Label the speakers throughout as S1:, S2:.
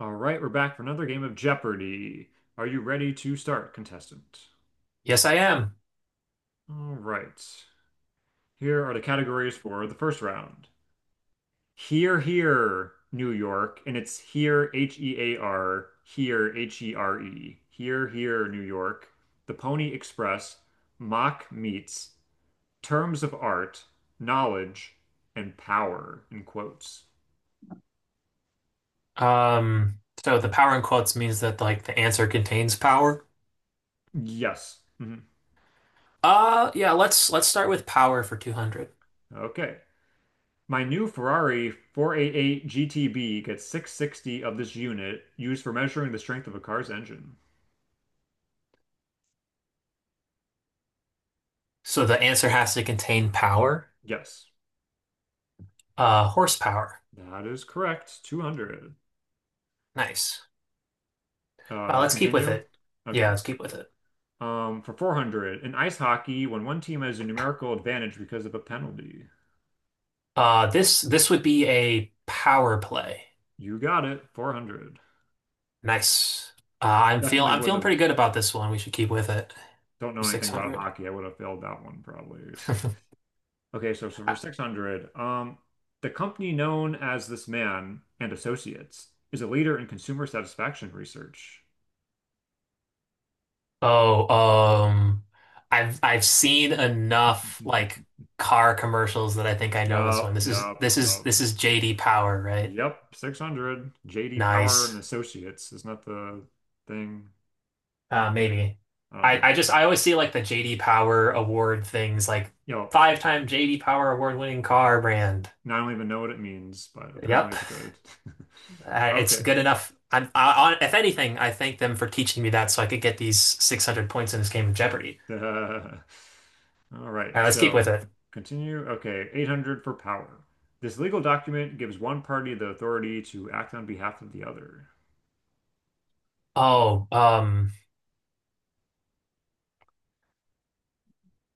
S1: All right, we're back for another game of Jeopardy! Are you ready to start, contestant?
S2: Yes, I am.
S1: All right. Here are the categories for the first round. Here, here, New York, and it's here, hear, here, here, H E R E. Here, here, New York, the Pony Express, Mock Meets, Terms of Art, Knowledge, and Power, in quotes.
S2: So the power in quotes means that like the answer contains power.
S1: Yes. Mhm.
S2: Yeah, let's start with power for 200.
S1: Okay. My new Ferrari 488 GTB gets 660 of this unit used for measuring the strength of a car's engine.
S2: So the answer has to contain power.
S1: Yes,
S2: Horsepower.
S1: that is correct. 200.
S2: Nice.
S1: Uh,
S2: Let's keep with
S1: continue.
S2: it.
S1: Okay.
S2: Yeah, let's keep with it.
S1: For 400, in ice hockey, when one team has a numerical advantage because of a penalty.
S2: This would be a power play.
S1: You got it. 400.
S2: Nice.
S1: Definitely
S2: I'm
S1: wouldn't
S2: feeling
S1: have,
S2: pretty good about this one. We should keep with it
S1: don't
S2: for
S1: know anything about
S2: 600.
S1: hockey. I would have failed that one probably. Okay, so for 600, the company known as this man and Associates is a leader in consumer satisfaction research.
S2: Oh, um, I've seen enough like car commercials that I think I know this one.
S1: Yup,
S2: This is
S1: yup,
S2: this is
S1: yup,
S2: this is JD Power, right?
S1: yep. 600. JD Power and
S2: Nice.
S1: Associates. Isn't that the thing? Gee,
S2: Maybe.
S1: I don't know.
S2: I always see like the JD Power award things like
S1: Yo,
S2: five-time JD Power award-winning car brand.
S1: I don't even know what it means, but apparently
S2: Yep.
S1: it's good.
S2: It's
S1: Okay.
S2: good enough. If anything, I thank them for teaching me that so I could get these 600 points in this game of Jeopardy.
S1: Uh, all right.
S2: All right, let's keep
S1: So
S2: with it.
S1: continue. Okay. 800 for power. This legal document gives one party the authority to act on behalf of the other.
S2: Oh, um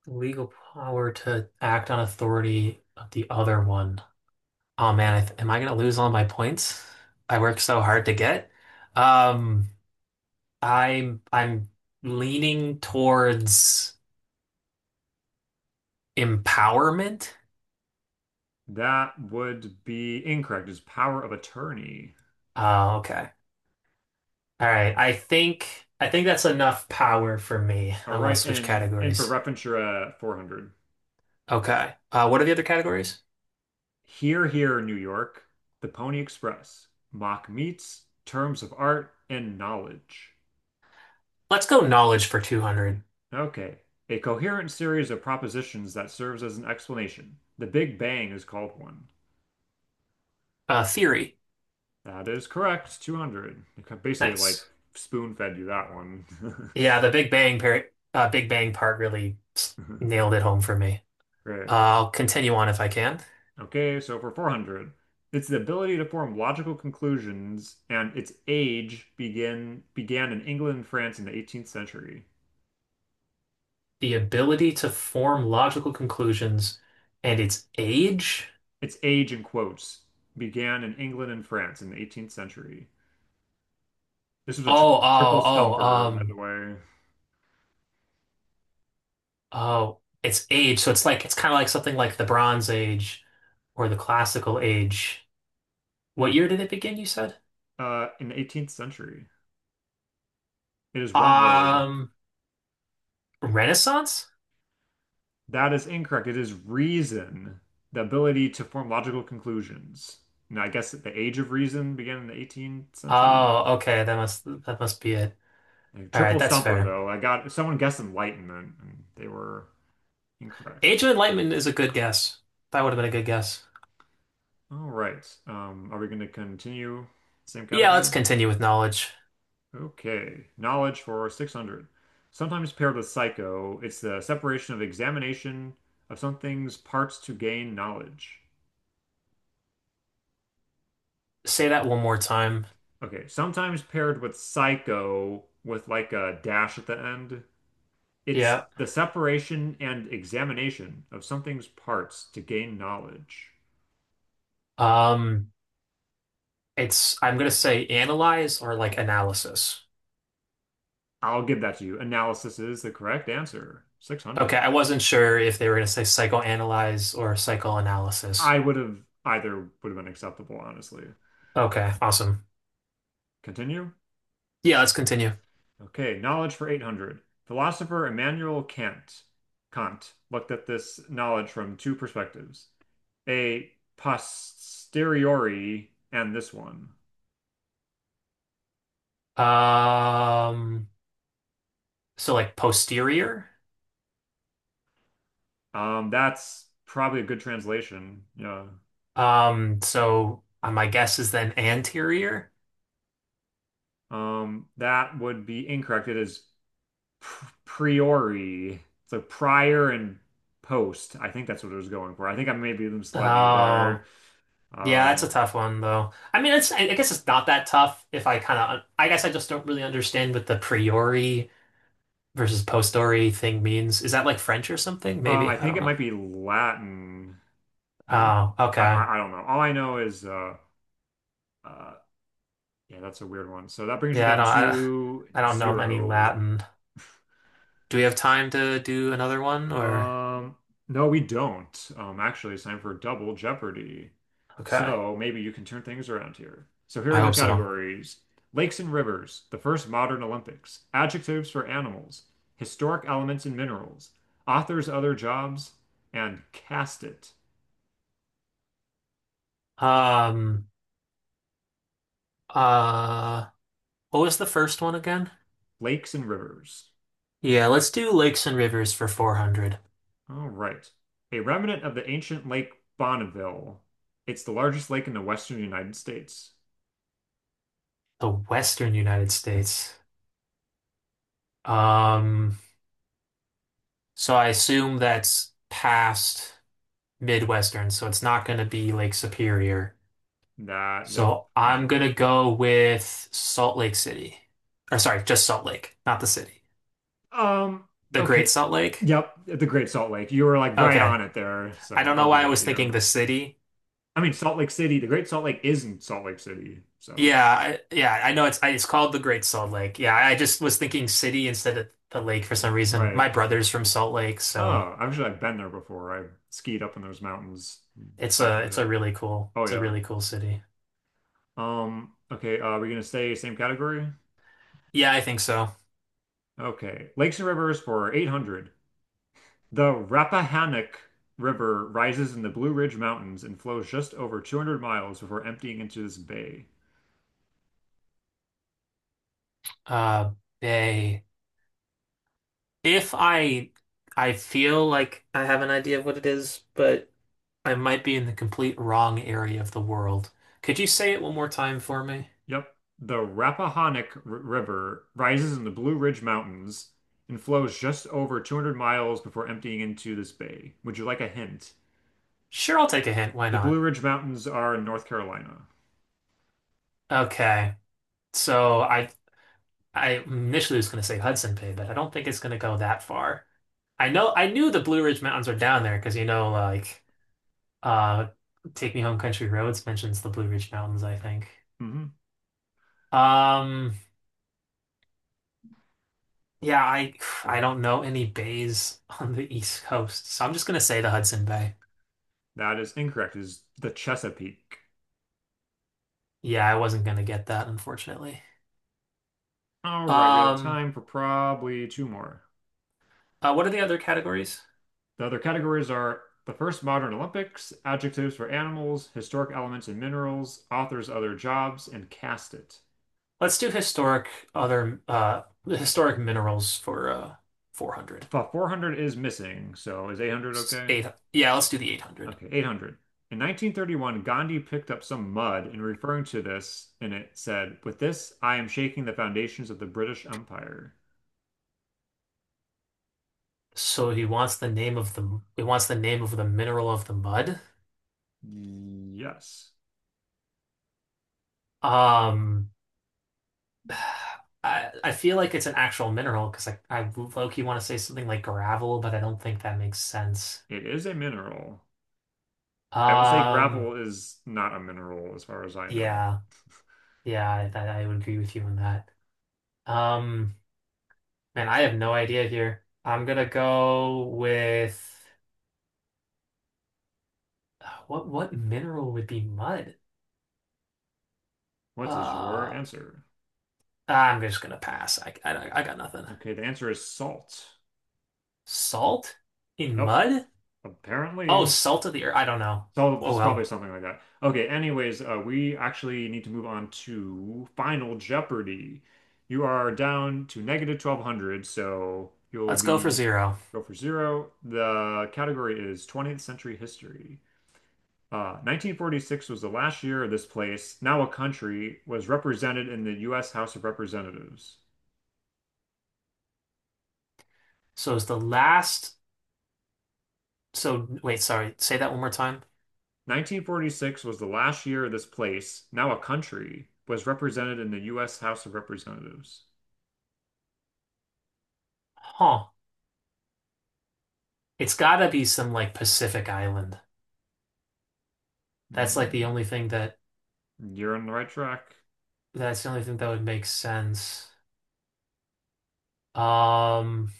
S2: Legal power to act on authority of the other one. Oh man, I th am I gonna lose all my points I worked so hard to get? Um, I'm leaning towards empowerment.
S1: That would be incorrect. It's power of attorney.
S2: Oh, okay. All right. I think that's enough power for me.
S1: All
S2: I want
S1: right.
S2: to switch
S1: And for
S2: categories.
S1: reference, you're at 400.
S2: Okay. What are the other categories?
S1: Here, here, New York, the Pony Express, mock meets, terms of art, and knowledge.
S2: Let's go knowledge for 200.
S1: Okay. A coherent series of propositions that serves as an explanation. The Big Bang is called one.
S2: Theory.
S1: That is correct. 200. Basically, like
S2: Nice.
S1: spoon fed you that one.
S2: Yeah, the Big Bang part really nailed it home for me.
S1: Great.
S2: I'll continue on if I can.
S1: Okay, so for 400, it's the ability to form logical conclusions, and its age begin began in England and France in the 18th century.
S2: The ability to form logical conclusions and its age.
S1: Its age in quotes began in England and France in the 18th century. This was a tri
S2: Oh,
S1: triple
S2: oh, oh,
S1: stumper, by the
S2: um,
S1: way.
S2: oh, its age. So it's like it's kind of like something like the Bronze Age or the Classical Age. What year did it begin, you said?
S1: In the 18th century, it is one word.
S2: Um, Renaissance?
S1: That is incorrect. It is reason, the ability to form logical conclusions. And I guess the age of reason began in the 18th century.
S2: Oh, okay, that must be it.
S1: A
S2: All right,
S1: triple
S2: that's
S1: stumper,
S2: fair.
S1: though. I got someone guessed enlightenment, and they were incorrect.
S2: Age of Enlightenment is a good guess. That would have been a good guess.
S1: All right. Are we going to continue? Same
S2: Yeah, let's
S1: category?
S2: continue with knowledge.
S1: Okay. Knowledge for 600. Sometimes paired with psycho, it's the separation of examination of something's parts to gain knowledge.
S2: Say that one more time.
S1: Okay, sometimes paired with psycho with like a dash at the end. It's
S2: Yeah.
S1: the separation and examination of something's parts to gain knowledge.
S2: Um, it's I'm gonna say analyze or like analysis.
S1: I'll give that to you. Analysis is the correct answer.
S2: Okay, I
S1: 600.
S2: wasn't sure if they were gonna say psychoanalyze or psychoanalysis.
S1: I would have Either would have been acceptable, honestly.
S2: Okay, awesome.
S1: Continue.
S2: Yeah, let's continue.
S1: Okay, knowledge for 800. Philosopher Immanuel Kant looked at this knowledge from two perspectives, a posteriori and this one.
S2: Um, like posterior.
S1: That's probably a good translation. Yeah.
S2: My guess is then anterior.
S1: That would be incorrect. It is pr priori. So prior and post. I think that's what it was going for. I think I maybe misled you there.
S2: Oh, yeah, that's a
S1: Um,
S2: tough one though. I mean, it's I guess it's not that tough if I kind of I guess I just don't really understand with the priori versus post story thing means. Is that like French or something?
S1: um,
S2: Maybe.
S1: I
S2: I
S1: think
S2: don't
S1: it
S2: know.
S1: might be Latin, maybe.
S2: Oh,
S1: I,
S2: okay.
S1: I, I don't know. All I know is uh, yeah, that's a weird one. So that brings you
S2: Yeah, I
S1: down
S2: don't I,
S1: to
S2: I don't know any
S1: zero.
S2: Latin. Do we have time to do another one or
S1: Um, no, we don't. Actually, it's time for Double Jeopardy.
S2: okay.
S1: So maybe you can turn things around here. So here
S2: I
S1: are your
S2: hope so.
S1: categories: lakes and rivers, the first modern Olympics, adjectives for animals, historic elements and minerals, authors' other jobs, and cast it.
S2: Um uh what was the first one again?
S1: Lakes and rivers.
S2: Yeah, let's do lakes and rivers for 400.
S1: All right. A remnant of the ancient Lake Bonneville. It's the largest lake in the western United States.
S2: The Western United States. Um so I assume that's past Midwestern, so it's not going to be Lake Superior.
S1: That, yep.
S2: So I'm gonna go with Salt Lake City. Or sorry, just Salt Lake, not the city.
S1: Um,
S2: The Great
S1: okay.
S2: Salt Lake.
S1: Yep, the Great Salt Lake. You were like right
S2: Okay.
S1: on it there,
S2: I
S1: so
S2: don't
S1: I'll
S2: know
S1: give
S2: why I
S1: that to
S2: was thinking
S1: you.
S2: the city.
S1: I mean, Salt Lake City, the Great Salt Lake is in Salt Lake City, so
S2: Yeah, I know it's I, it's called the Great Salt Lake. Yeah, I just was thinking city instead of the lake for some reason.
S1: right.
S2: My brother's from Salt Lake, so
S1: Oh, actually, I've been there before. I skied up in those mountains back in the
S2: it's a
S1: day.
S2: really cool
S1: Oh
S2: it's a
S1: yeah.
S2: really cool city.
S1: Okay, we're gonna stay same category?
S2: Yeah, I think so.
S1: Okay. Lakes and rivers for 800. The Rappahannock River rises in the Blue Ridge Mountains and flows just over 200 miles before emptying into this bay.
S2: Uh, Bay. If I I feel like I have an idea of what it is, but I might be in the complete wrong area of the world. Could you say it one more time for me?
S1: Yep. The Rappahannock R River rises in the Blue Ridge Mountains and flows just over 200 miles before emptying into this bay. Would you like a hint?
S2: Sure, I'll take a hint. Why
S1: The Blue
S2: not?
S1: Ridge Mountains are in North Carolina.
S2: Okay. So I I initially was going to say Hudson Bay, but I don't think it's going to go that far. I knew the Blue Ridge Mountains are down there because uh Take Me Home Country Roads mentions the Blue Ridge Mountains, I think.
S1: Hmm.
S2: Um yeah, I I don't know any bays on the East Coast. So I'm just going to say the Hudson Bay.
S1: That is incorrect. It is the Chesapeake.
S2: Yeah, I wasn't going to get that unfortunately.
S1: All right, we have
S2: Um
S1: time for probably two more.
S2: What are the other categories?
S1: The other categories are the first modern Olympics, adjectives for animals, historic elements and minerals, authors' other jobs, and cast it.
S2: Let's do other uh historic minerals for 400.
S1: 400 is missing, so is 800
S2: S-
S1: okay?
S2: Eight, yeah, let's do the 800.
S1: Okay, 800. In 1931, Gandhi picked up some mud and referring to this, and it said, "With this, I am shaking the foundations of the British Empire."
S2: So he wants the name of the mineral of the mud.
S1: Yes,
S2: Um I feel like it's an actual mineral because I low-key want to say something like gravel, but I don't think that makes sense.
S1: it is a mineral. I will say
S2: Um
S1: gravel is not a mineral as far as I know.
S2: yeah. I would agree with you on that. Um Man, I have no idea here. I'm gonna go with what mineral would be mud?
S1: What is your
S2: Uh,
S1: answer?
S2: I'm just gonna pass. I got nothing.
S1: Okay, the answer is salt.
S2: Salt in
S1: Yep,
S2: mud? Oh,
S1: apparently.
S2: salt of the earth. I don't know.
S1: So
S2: Oh
S1: it's probably
S2: well.
S1: something like that. Okay, anyways, we actually need to move on to Final Jeopardy. You are down to negative 1200, so you'll
S2: Let's go for
S1: be
S2: zero.
S1: go for zero. The category is 20th century history. 1946 was the last year this place, now a country, was represented in the U.S. House of Representatives.
S2: So it's the last. So wait, sorry. Say that one more time.
S1: 1946 was the last year this place, now a country, was represented in the U.S. House of Representatives.
S2: Huh. It's gotta be some like Pacific island. That's like the
S1: Hmm.
S2: only thing that
S1: You're on the right track.
S2: that's the only thing that would make sense. Um.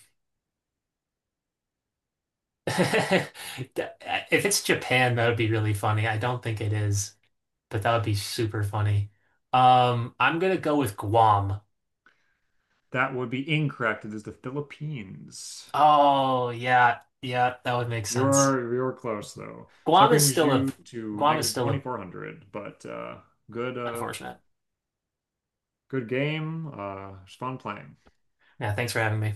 S2: If it's Japan, that would be really funny. I don't think it is, but that would be super funny. I'm gonna go with Guam.
S1: That would be incorrect. It is the Philippines.
S2: Oh yeah, yeah, that would make sense.
S1: You're close though. So that
S2: Guam is
S1: brings
S2: still a
S1: you to
S2: Guam is
S1: negative
S2: still a
S1: 2400, but good uh
S2: unfortunate.
S1: good game. It was fun playing.
S2: Yeah, thanks for having me.